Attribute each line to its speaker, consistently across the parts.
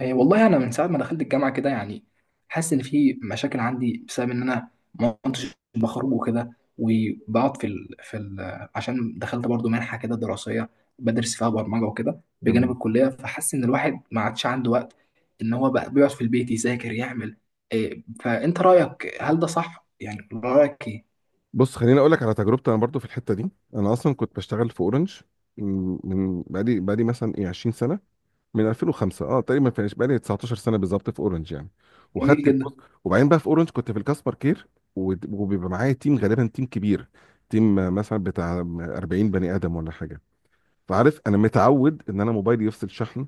Speaker 1: إيه، والله انا من ساعه ما دخلت الجامعه كده يعني حاسس ان في مشاكل عندي بسبب ان انا ما كنتش بخرج وكده. وبقعد عشان دخلت برضو منحه كده دراسيه بدرس فيها برمجه وكده بجانب
Speaker 2: تمام.
Speaker 1: الكليه، فحاسس ان الواحد ما عادش عنده وقت، ان هو بقى بيقعد في البيت يذاكر يعمل إيه. فانت رايك، هل ده صح؟ يعني رايك ايه؟
Speaker 2: بص، خليني اقول لك على تجربتي انا برضو في الحته دي. انا اصلا كنت بشتغل في اورنج بقالي مثلا 20 سنه، من 2005 اه تقريبا، ما فيهاش، بقالي 19 سنه بالظبط في اورنج يعني.
Speaker 1: جميل
Speaker 2: وخدت، بص،
Speaker 1: جدا.
Speaker 2: وبعدين بقى في اورنج كنت في الكاستمر كير، وبيبقى معايا تيم، غالبا تيم كبير، تيم مثلا بتاع 40 بني ادم ولا حاجه. فعارف انا متعود ان انا موبايلي يفصل شحن،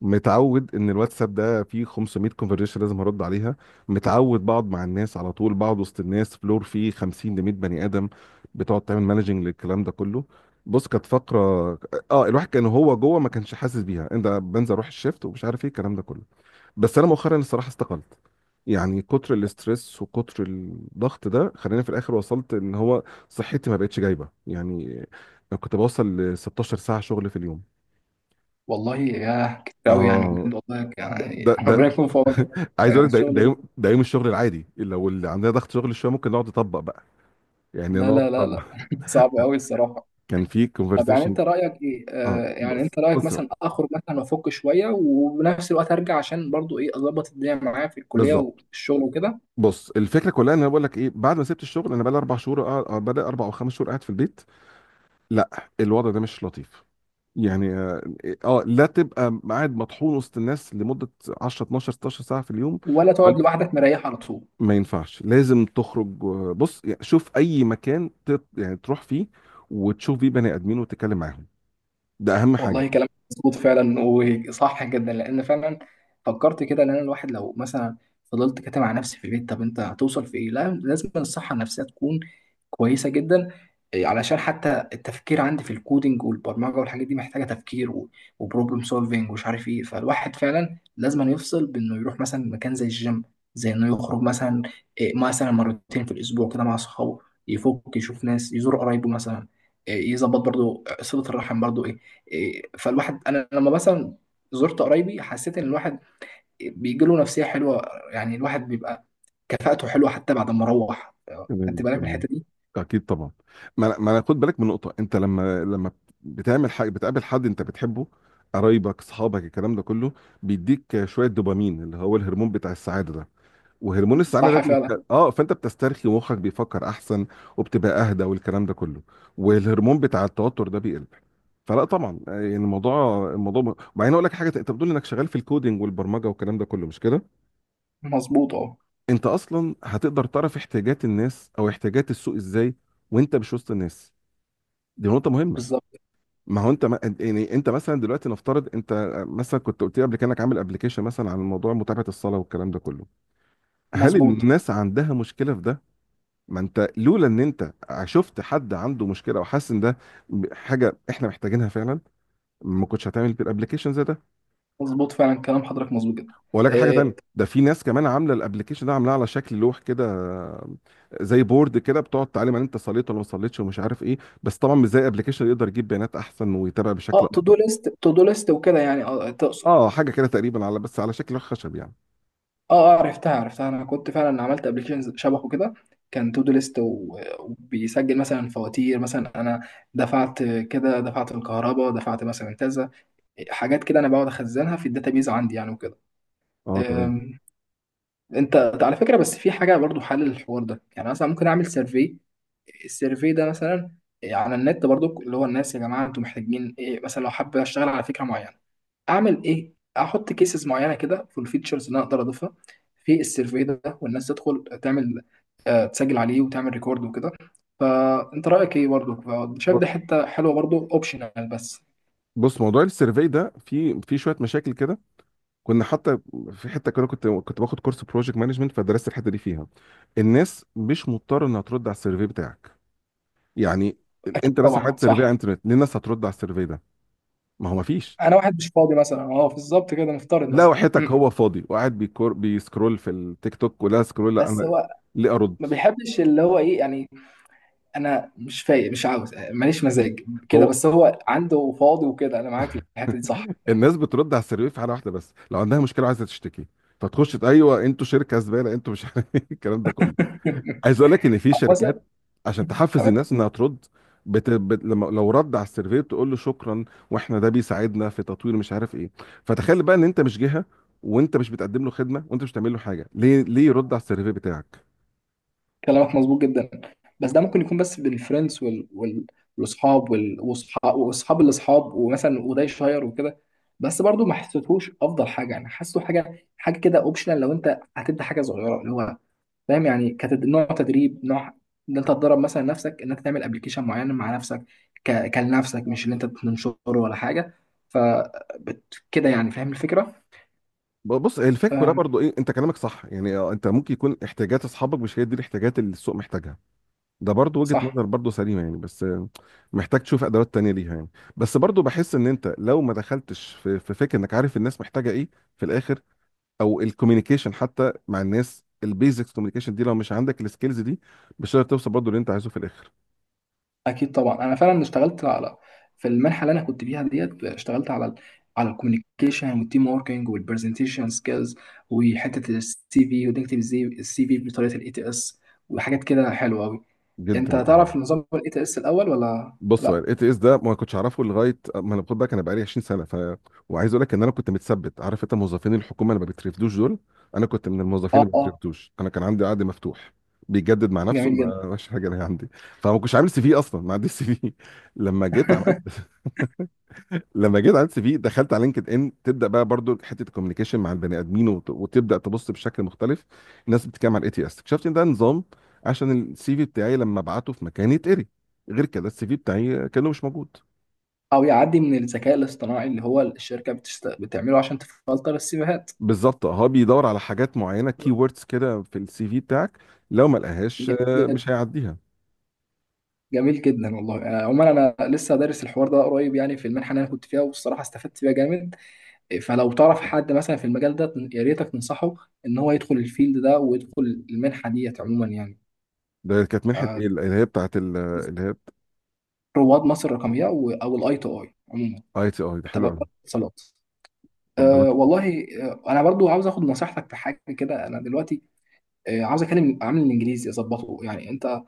Speaker 2: متعود ان الواتساب ده فيه 500 كونفرجيشن لازم هرد عليها، متعود بقعد مع الناس على طول، بقعد وسط الناس فلور فيه 50 ل 100 بني ادم، بتقعد تعمل مانجنج للكلام ده كله. بص، كانت فقره، اه الواحد كان هو جوه ما كانش حاسس بيها، انت بنزل اروح الشيفت ومش عارف ايه الكلام ده كله. بس انا مؤخرا الصراحه استقلت، يعني كتر الاسترس وكتر الضغط ده خلاني في الاخر وصلت ان هو صحتي ما بقتش جايبه يعني، كنت بوصل ل 16 ساعه شغل في اليوم.
Speaker 1: والله يا كتير قوي يعني،
Speaker 2: اه.
Speaker 1: بجد والله، يعني
Speaker 2: ده
Speaker 1: ربنا يكون في عونك.
Speaker 2: عايز اقول لك ده
Speaker 1: الشغل ده-
Speaker 2: يوم، ده يوم الشغل العادي. لو اللي عندنا ضغط شغل شويه ممكن نقعد نطبق بقى، يعني
Speaker 1: لا
Speaker 2: نقعد
Speaker 1: لا لا
Speaker 2: نطبق.
Speaker 1: لا صعب قوي الصراحه.
Speaker 2: كان في
Speaker 1: طب يعني انت
Speaker 2: كونفرسيشن.
Speaker 1: رايك ايه؟
Speaker 2: اه،
Speaker 1: يعني
Speaker 2: بص
Speaker 1: انت رايك
Speaker 2: بص بقى.
Speaker 1: مثلا اخرج مثلا وافك شويه، وبنفس الوقت ارجع عشان برضو ايه اظبط الدنيا معايا في الكليه
Speaker 2: بالظبط.
Speaker 1: والشغل وكده؟
Speaker 2: بص الفكره كلها ان انا بقول لك ايه، بعد ما سبت الشغل انا بقى لي اربع شهور، بدا اربع او خمس شهور قاعد في البيت. لا، الوضع ده مش لطيف يعني. اه، لا تبقى قاعد مطحون وسط الناس لمده 10، 12، 16 ساعه في اليوم.
Speaker 1: ولا
Speaker 2: بل-
Speaker 1: تقعد لوحدك مريح على طول؟
Speaker 2: ما ينفعش، لازم تخرج. بص يعني، شوف اي مكان يعني تروح فيه وتشوف فيه بني ادمين وتتكلم معاهم، ده اهم حاجه.
Speaker 1: والله كلام مظبوط فعلا، وصح جدا. لان فعلا فكرت كده ان انا الواحد لو مثلا فضلت كاتم على نفسي في البيت، طب انت هتوصل في ايه؟ لا لازم الصحه النفسيه تكون كويسه جدا. إيه، علشان حتى التفكير عندي في الكودينج والبرمجه والحاجات دي محتاجه تفكير وبروبلم سولفينج ومش عارف ايه. فالواحد فعلا لازم أن يفصل بانه يروح مثلا مكان زي الجيم، زي انه يخرج مثلا. إيه، مثلا مرتين في الاسبوع كده مع اصحابه، يفك يشوف ناس، يزور قرايبه مثلا. إيه، يظبط برضو صله الرحم برضو. إيه، فالواحد، انا لما مثلا زرت قرايبي حسيت ان الواحد بيجي له نفسيه حلوه، يعني الواحد بيبقى كفاءته حلوه حتى بعد ما روح.
Speaker 2: تمام
Speaker 1: خدت بالك من
Speaker 2: تمام.
Speaker 1: الحته دي؟
Speaker 2: اكيد طبعا. ما أنا خد بالك من نقطه، انت لما بتعمل حاجه بتقابل حد انت بتحبه، قرايبك، اصحابك، الكلام ده كله، بيديك شويه دوبامين اللي هو الهرمون بتاع السعاده ده. وهرمون السعاده ده
Speaker 1: صح فعلا.
Speaker 2: اه، فانت بتسترخي ومخك بيفكر احسن، وبتبقى اهدى والكلام ده كله، والهرمون بتاع التوتر ده بيقل. فلا طبعا يعني، الموضوع وبعدين اقول لك حاجه، انت بتقول انك شغال في الكودينج والبرمجه والكلام ده كله مش كده؟
Speaker 1: مظبوط، اه.
Speaker 2: انت اصلا هتقدر تعرف احتياجات الناس او احتياجات السوق ازاي وانت مش وسط الناس؟ دي نقطه مهمه.
Speaker 1: بالظبط.
Speaker 2: ما هو انت، ما يعني انت مثلا دلوقتي نفترض، انت مثلا كنت قلت لي قبل كده انك عامل ابلكيشن مثلا عن موضوع متابعه الصلاه والكلام ده كله، هل
Speaker 1: مظبوط
Speaker 2: الناس عندها مشكله في ده؟ ما انت لولا ان انت شفت حد عنده مشكله وحاسس ان ده حاجه احنا محتاجينها فعلا، ما كنتش هتعمل الابلكيشن زي ده.
Speaker 1: مظبوط فعلا، كلام حضرتك مظبوط جدا.
Speaker 2: واقول لك على حاجه تانية،
Speaker 1: إيه،
Speaker 2: ده في ناس كمان عامله الابلكيشن ده، عاملاه على شكل لوح كده، زي بورد كده، بتقعد تعلم ان انت صليت ولا ما صليتش ومش عارف ايه. بس طبعا مش زي ابلكيشن يقدر يجيب بيانات احسن ويتابع
Speaker 1: اه.
Speaker 2: بشكل
Speaker 1: تو
Speaker 2: افضل.
Speaker 1: دو ليست تو دو ليست وكده يعني، اه، تقصد.
Speaker 2: اه، حاجه كده تقريبا، على بس على شكل لوح خشب يعني.
Speaker 1: اه اه، عرفتها عرفتها. انا كنت فعلا عملت ابلكيشن شبهه كده، كان تو دو ليست وبيسجل مثلا فواتير. مثلا انا دفعت كده، دفعت الكهرباء، دفعت مثلا كذا، حاجات كده انا بقعد اخزنها في الداتابيز عندي يعني وكده.
Speaker 2: اه تمام.
Speaker 1: أم، انت، على فكره بس في حاجه برضو حل للحوار ده يعني. مثلا ممكن اعمل سيرفي، السيرفي ده مثلا على النت برضو، اللي هو الناس يا جماعه انتوا محتاجين ايه؟ مثلا لو حابب اشتغل على فكره معينه اعمل ايه؟ احط كيسز معينه كده في الفيتشرز اللي انا اقدر اضيفها في السيرفي ده، والناس تدخل تعمل تسجل عليه وتعمل ريكورد وكده. فانت رايك ايه؟ برضو شايف دي
Speaker 2: بص
Speaker 1: حته حلوه؟ برضو اوبشنال بس.
Speaker 2: بص موضوع السيرفي ده في شويه مشاكل كده. كنا حتى في حته كده، كنت باخد كورس بروجكت مانجمنت، فدرست الحته دي فيها. الناس مش مضطره انها ترد على السيرفي بتاعك يعني.
Speaker 1: اكيد
Speaker 2: انت مثلا
Speaker 1: طبعا
Speaker 2: عملت سيرفي على
Speaker 1: صح.
Speaker 2: الانترنت، ليه الناس هترد على السيرفي ده؟ ما هو ما فيش.
Speaker 1: انا واحد مش فاضي مثلا، اه بالظبط كده، نفترض
Speaker 2: لا
Speaker 1: مثلا
Speaker 2: وحياتك، هو فاضي وقاعد بيكور، بيسكرول في التيك توك ولا سكرول، لا
Speaker 1: بس
Speaker 2: انا
Speaker 1: هو
Speaker 2: ليه ارد؟
Speaker 1: ما بيحبش اللي هو ايه يعني. انا مش فايق، مش عاوز، ماليش مزاج كده.
Speaker 2: هو
Speaker 1: بس هو عنده فاضي وكده، انا معاك في الحته دي، صح.
Speaker 2: الناس بترد على السيرفي في حاله واحده بس، لو عندها مشكله وعايزه تشتكي، فتخش ايوه انتوا شركه زباله، انتوا مش عارف الكلام ده كله. عايز اقول لك ان في
Speaker 1: أو مثلا،
Speaker 2: شركات عشان تحفز
Speaker 1: تمام.
Speaker 2: الناس انها ترد، لما لو رد على السيرفي تقول له شكرا، واحنا ده بيساعدنا في تطوير مش عارف ايه. فتخيل بقى ان انت مش جهه، وانت مش بتقدم له خدمه، وانت مش بتعمل له حاجه، ليه، ليه يرد على السيرفي بتاعك؟
Speaker 1: كلامك مظبوط جدا. بس ده ممكن يكون بس بالفريندز والاصحاب واصحاب واصحاب الاصحاب ومثلا وده يشير وكده. بس برضو ما حسيتهوش افضل حاجه يعني، حاسه حاجه حاجه كده اوبشنال. لو انت هتبدا حاجه صغيره اللي هو فاهم يعني، نوع تدريب، نوع، ان انت تدرب مثلا نفسك، ان انت تعمل ابلكيشن معين مع نفسك، كلنفسك، مش ان انت تنشره ولا حاجه. ف كده يعني، فاهم الفكره؟
Speaker 2: بص، هي الفكره كلها
Speaker 1: أم،
Speaker 2: برضو ايه، انت كلامك صح يعني، انت ممكن يكون احتياجات اصحابك مش هي دي الاحتياجات اللي السوق محتاجها، ده برضو وجهه
Speaker 1: صح.
Speaker 2: نظر برضو سليمه يعني. بس محتاج تشوف ادوات تانية ليها يعني. بس برضو بحس ان انت لو ما دخلتش في فكره انك عارف الناس محتاجه ايه في الاخر، او الكوميونيكيشن حتى مع الناس، البيزكس كوميونيكيشن دي لو مش عندك السكيلز دي، مش هتقدر توصل برضو اللي انت عايزه في الاخر.
Speaker 1: اكيد طبعا، انا فعلا اشتغلت على، في المنحه اللي انا كنت فيها ديت، اشتغلت على الكوميونيكيشن والتيم وركينج والبرزنتيشن سكيلز، وحته السي في، وتكتب ازاي السي في بطريقه الاي تي اس، وحاجات كده حلوه قوي.
Speaker 2: جدا
Speaker 1: انت تعرف نظام الاي تي اس الاول ولا
Speaker 2: بص، هو
Speaker 1: لا؟
Speaker 2: الاي تي اس ده ما كنتش اعرفه لغايه ما انا، خد بالك انا بقالي 20 سنه، ف، وعايز اقول لك ان انا كنت متثبت. عارف انت موظفين الحكومه اللي ما بيترفدوش دول؟ انا كنت من الموظفين
Speaker 1: اه
Speaker 2: اللي ما
Speaker 1: اه.
Speaker 2: بيترفدوش، انا كان عندي عقد مفتوح بيجدد مع نفسه،
Speaker 1: جميل جدا.
Speaker 2: ما ماشي حاجه، انا عندي. فما كنتش عامل سي في اصلا، ما عنديش سي في لما جيت عملت لما جيت عملت سي في، دخلت على لينكد ان، تبدا بقى برضو حته الكوميونيكيشن مع البني ادمين، وتبدا تبص بشكل مختلف. الناس بتتكلم على الاي تي اس، اكتشفت ان ده نظام عشان السي في بتاعي لما ابعته في مكان يتقري، غير كده السي في بتاعي كانه مش موجود.
Speaker 1: او يعدي من الذكاء الاصطناعي، اللي هو الشركه بتعمله عشان تفلتر السيفيهات.
Speaker 2: بالظبط، هو بيدور على حاجات معينه، كي ووردز كده في السي في بتاعك، لو ما لقاهاش
Speaker 1: جميل جدا.
Speaker 2: مش هيعديها.
Speaker 1: جميل جدا والله. عموما انا لسه دارس الحوار ده قريب يعني في المنحه اللي انا كنت فيها، والصراحه استفدت فيها جامد. إيه، فلو تعرف حد مثلا في المجال ده يا ريتك تنصحه، ان هو يدخل الفيلد ده ويدخل المنحه ديت عموما يعني.
Speaker 2: ده كانت منحه
Speaker 1: آه،
Speaker 2: ايه اللي هي بتاعت اللي هي؟
Speaker 1: رواد مصر الرقميه او الاي تو اي عموما،
Speaker 2: اي تي اي ده حلو
Speaker 1: تبع
Speaker 2: قوي.
Speaker 1: وزارة الاتصالات.
Speaker 2: طب ده
Speaker 1: أه والله، انا برضو عاوز اخد نصيحتك في حاجه كده. انا دلوقتي عاوز اكلم عامل الانجليزي اظبطه يعني. انت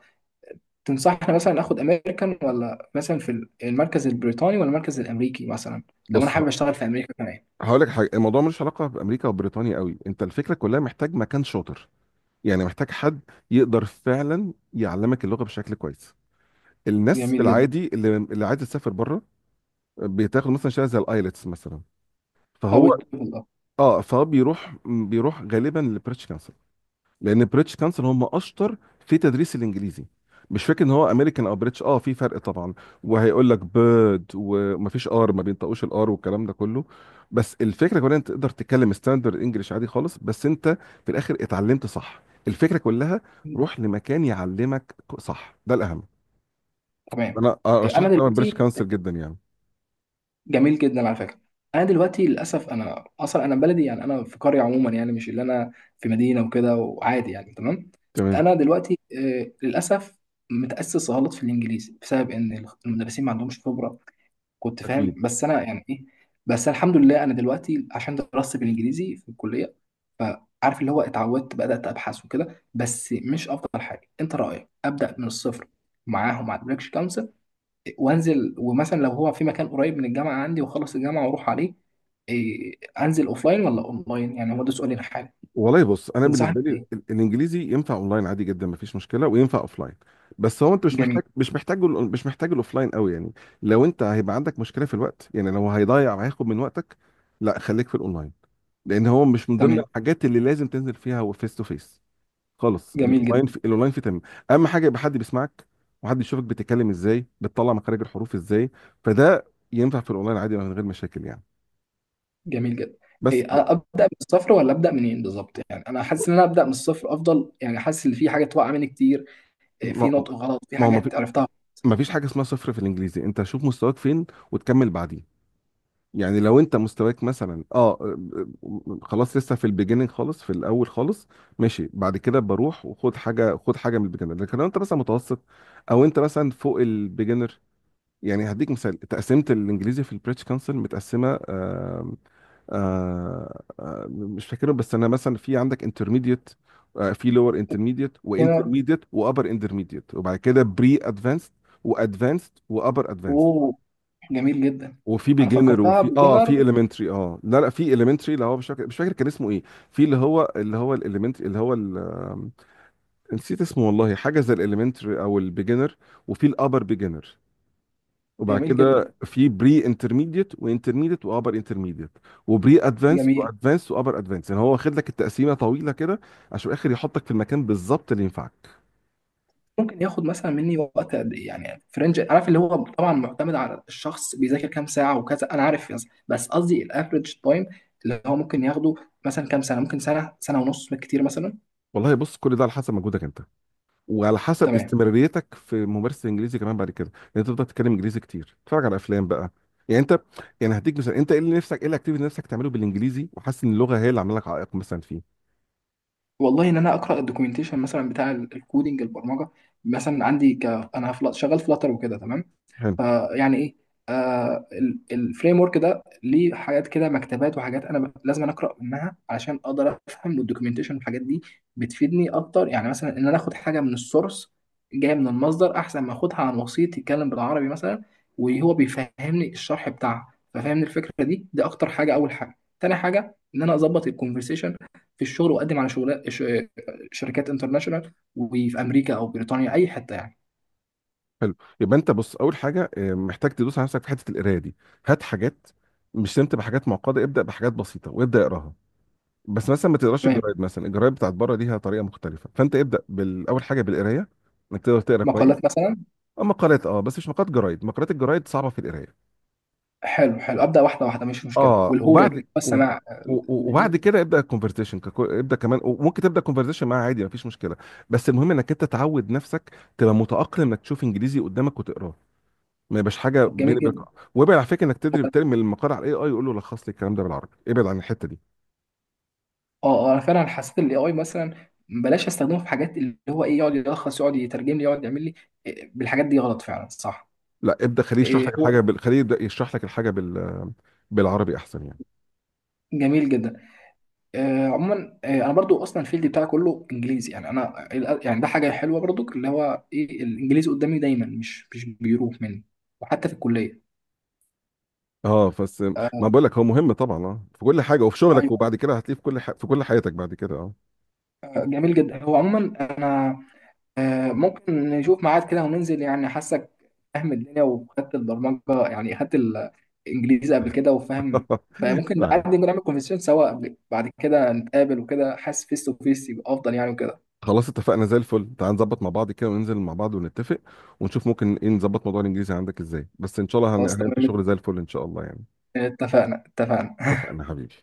Speaker 1: تنصحني مثلا اخد امريكان، ولا مثلا في المركز البريطاني، ولا المركز الامريكي مثلا؟ لو انا
Speaker 2: بص،
Speaker 1: حابب اشتغل في امريكا كمان.
Speaker 2: هقول لك حاجه، الموضوع ملوش علاقه بامريكا وبريطانيا قوي، انت الفكره كلها محتاج مكان شاطر، يعني محتاج حد يقدر فعلا يعلمك اللغه بشكل كويس. الناس في
Speaker 1: جميل جدا.
Speaker 2: العادي، اللي عايزه تسافر بره بتاخد مثلا شهاده زي الايلتس مثلا،
Speaker 1: او
Speaker 2: فهو،
Speaker 1: التوفل، اه.
Speaker 2: اه فهو بيروح غالبا لبريتش، لان بريتش كانسل هم اشطر في تدريس الانجليزي. مش فاكر ان هو امريكان او بريتش، اه في فرق طبعا، وهيقول لك بيرد ومفيش ار ما بينطقوش الار والكلام ده كله، بس الفكره كلها انت تقدر تتكلم ستاندرد انجلش عادي خالص، بس انت في الاخر اتعلمت صح. الفكره كلها، روح لمكان يعلمك صح، ده الاهم.
Speaker 1: تمام.
Speaker 2: انا
Speaker 1: إيه، انا
Speaker 2: ارشحك طبعا
Speaker 1: دلوقتي.
Speaker 2: بريتش كانسل جدا يعني.
Speaker 1: جميل جدا على فكره. انا دلوقتي للاسف انا اصلا، انا بلدي يعني، انا في قريه عموما يعني، مش اللي انا في مدينه وكده وعادي يعني. تمام.
Speaker 2: تمام،
Speaker 1: انا دلوقتي للاسف متاسس غلط في الانجليزي بسبب ان المدرسين ما عندهمش خبره. كنت فاهم
Speaker 2: اكيد.
Speaker 1: بس انا يعني ايه. بس أنا الحمد لله، انا دلوقتي عشان دراستي بالانجليزي في الكليه، فعارف اللي هو اتعودت، بدات ابحث وكده. بس مش افضل حاجه. انت رايك ابدا من الصفر معاهم، مع البريكش كونسل، وانزل؟ ومثلا لو هو في مكان قريب من الجامعه عندي، وخلص الجامعه واروح عليه. إيه، انزل اوفلاين ولا اونلاين يعني؟ هو ده سؤالي الحالي.
Speaker 2: والله بص، انا بالنسبه
Speaker 1: تنصحني
Speaker 2: لي
Speaker 1: بايه؟
Speaker 2: الانجليزي ينفع اونلاين عادي جدا مفيش مشكله، وينفع اوفلاين. بس هو انت مش
Speaker 1: جميل.
Speaker 2: محتاج مش محتاج مش محتاج الاوفلاين قوي يعني. لو انت هيبقى عندك مشكله في الوقت، يعني لو هيضيع وهياخد من وقتك، لا خليك في الاونلاين، لان هو مش من ضمن
Speaker 1: تمام.
Speaker 2: الحاجات اللي لازم تنزل فيها هو فيس تو فيس خالص.
Speaker 1: جميل جدا.
Speaker 2: الاونلاين في تمام. اهم حاجه يبقى حد بيسمعك، وحد يشوفك بتتكلم ازاي، بتطلع مخارج الحروف ازاي، فده ينفع في الاونلاين عادي من غير مشاكل يعني.
Speaker 1: جميل جدا.
Speaker 2: بس
Speaker 1: إيه، ابدا من الصفر ولا ابدا منين بالظبط يعني؟ انا حاسس ان انا ابدا من الصفر افضل يعني، حاسس ان في حاجات واقعه مني كتير. إيه، في
Speaker 2: ما
Speaker 1: نطق غلط، في
Speaker 2: ما هو
Speaker 1: حاجات عرفتها.
Speaker 2: ما فيش حاجه اسمها صفر في الانجليزي، انت شوف مستواك فين وتكمل بعديه. يعني لو انت مستواك مثلا خلاص لسه في البيجيننج خالص في الاول خالص، ماشي، بعد كده بروح وخد حاجه، خد حاجه من البيجنر. لكن لو انت مثلا متوسط، او انت مثلا فوق البيجنر، يعني هديك مثال، تقسيمه الانجليزي في البريتش كونسل متقسمه مش فاكرهم، بس انا مثلا في عندك انترميديت، آه في لور انترميديت
Speaker 1: بيجنر.
Speaker 2: وانترميديت وابر انترميديت، وبعد كده بري ادفانسد وادفانسد وابر ادفانسد،
Speaker 1: اوه. جميل جدا.
Speaker 2: وفي
Speaker 1: انا
Speaker 2: بيجنر،
Speaker 1: فكرتها
Speaker 2: وفي اه في
Speaker 1: بيجنر.
Speaker 2: اليمنتري، اه لا لا في اليمنتري، اللي هو مش فاكر كان اسمه ايه، في اللي هو، اللي هو الاليمنتري، اللي هو ال- آم، نسيت اسمه والله، حاجه زي الاليمنتري او البيجنر، وفي الابر بيجنر، وبعد
Speaker 1: جميل جدا.
Speaker 2: كده في بري انترميديت وانترميديت وابر انترميديت، وبري ادفانس
Speaker 1: جميل.
Speaker 2: وادفانس وابر ادفانس، يعني هو واخد لك التقسيمه طويله كده عشان في الاخر يحطك في المكان بالظبط اللي ينفعك.
Speaker 1: ممكن ياخد مثلا مني وقت قد ايه يعني؟ في رينج؟ عارف اللي هو طبعا معتمد على الشخص، بيذاكر كام ساعه وكذا، انا عارف، بس قصدي الافريج تايم اللي هو ممكن ياخده، مثلا كام سنه؟ ممكن سنه، سنه ونص بالكتير مثلا.
Speaker 2: والله بص، كل ده على حسب مجهودك انت، وعلى حسب
Speaker 1: تمام.
Speaker 2: استمراريتك في ممارسه الانجليزي كمان بعد كده، لان انت تفضل تتكلم انجليزي كتير، تتفرج على افلام بقى يعني. انت، يعني هديك مثال، انت ايه اللي نفسك، ايه الاكتيفيتي اللي نفسك تعمله بالانجليزي وحاسس ان اللغه هي اللي عامله لك عائق مثلا فيه؟
Speaker 1: والله ان انا اقرا الدوكيومنتيشن مثلا بتاع الكودينج، البرمجه، مثلا عندي انا شغال فلاتر وكده، تمام.
Speaker 2: حلو.
Speaker 1: فيعني ايه، آه، الفريم ورك ده ليه حاجات كده، مكتبات وحاجات انا لازم أنا اقرا منها علشان اقدر افهم، والدوكيومنتيشن والحاجات دي بتفيدني اكتر. يعني مثلا، ان انا اخد حاجه من السورس، جايه من المصدر، احسن ما اخدها عن وسيط يتكلم بالعربي مثلا وهو بيفهمني الشرح بتاعها، ففهمني الفكره دي اكتر حاجه. اول حاجه. تاني حاجه، ان انا اظبط الكونفرسيشن في الشغل، واقدم على شركات انترناشونال، وفي امريكا او بريطانيا اي حته يعني.
Speaker 2: حلو، يبقى انت بص، اول حاجه محتاج تدوس على نفسك في حته القرايه دي، هات حاجات مش سمت، بحاجات معقده ابدا، بحاجات بسيطه، وابدا اقراها. بس مثلا ما تقراش
Speaker 1: تمام.
Speaker 2: الجرايد، مثلا الجرايد بتاعت بره ليها طريقه مختلفه، فانت ابدا بالاول حاجه بالقرايه انك تقدر تقرا كويس.
Speaker 1: مقالات مثلا.
Speaker 2: اما مقالات اه، بس مش مقالات جرايد، مقالات الجرايد صعبه في القرايه.
Speaker 1: حلو حلو، ابدا واحده واحده مش مشكله.
Speaker 2: اه
Speaker 1: والهورن،
Speaker 2: وبعد
Speaker 1: بس
Speaker 2: وب...
Speaker 1: انا
Speaker 2: و- و-
Speaker 1: الهير-
Speaker 2: وبعد كده ابدا الكونفرسيشن، ابدا كمان، وممكن تبدا كونفرسيشن معاه عادي مفيش مشكله. بس المهم انك انت تعود نفسك، تبقى متاقلم انك تشوف انجليزي قدامك وتقراه، ما يبقاش حاجه
Speaker 1: جميل
Speaker 2: بيني وبينك.
Speaker 1: جدا.
Speaker 2: وابعد على فكره، انك تدري ترمي المقال على الاي اي يقول له لخص لي الكلام ده بالعربي، ابعد عن الحته دي.
Speaker 1: اه اه، انا فعلا حسيت الاي اي مثلا بلاش استخدمه في حاجات اللي هو ايه، يقعد يلخص، يقعد يترجم لي، يقعد يعمل لي. إيه، بالحاجات دي غلط فعلا، صح.
Speaker 2: لا ابدا،
Speaker 1: إيه، هو.
Speaker 2: خليه يبدا يشرح لك الحاجه بالعربي احسن يعني.
Speaker 1: جميل جدا. عموما، انا برضو اصلا الفيلد بتاعي كله انجليزي يعني انا. يعني ده حاجه حلوه برضو اللي هو ايه، الانجليزي قدامي دايما مش بيروح مني، وحتى في الكليه.
Speaker 2: اه بس، ما
Speaker 1: ايوه.
Speaker 2: بقول لك هو مهم طبعا اه، في كل حاجه وفي شغلك،
Speaker 1: أيوة،
Speaker 2: وبعد كده هتلاقيه في كل في كل حياتك بعد كده. اه
Speaker 1: جميل جدا. هو عموما انا ممكن نشوف ميعاد كده وننزل يعني، حاسك فاهم الدنيا وخدت البرمجة يعني، خدت الإنجليزي قبل كده وفاهم. فممكن
Speaker 2: تعال،
Speaker 1: نقعد نعمل كونفرسيشن سوا، بعد كده نتقابل وكده، حاسس فيس تو فيس يبقى أفضل يعني وكده.
Speaker 2: خلاص اتفقنا زي الفل، تعال نظبط مع بعض كده وننزل مع بعض ونتفق، ونشوف ممكن ايه نظبط موضوع الانجليزي عندك ازاي، بس ان شاء الله
Speaker 1: خلاص
Speaker 2: هنعمل فيه
Speaker 1: تمام.
Speaker 2: شغل زي الفل ان شاء الله يعني.
Speaker 1: اتفقنا اتفقنا.
Speaker 2: اتفقنا حبيبي.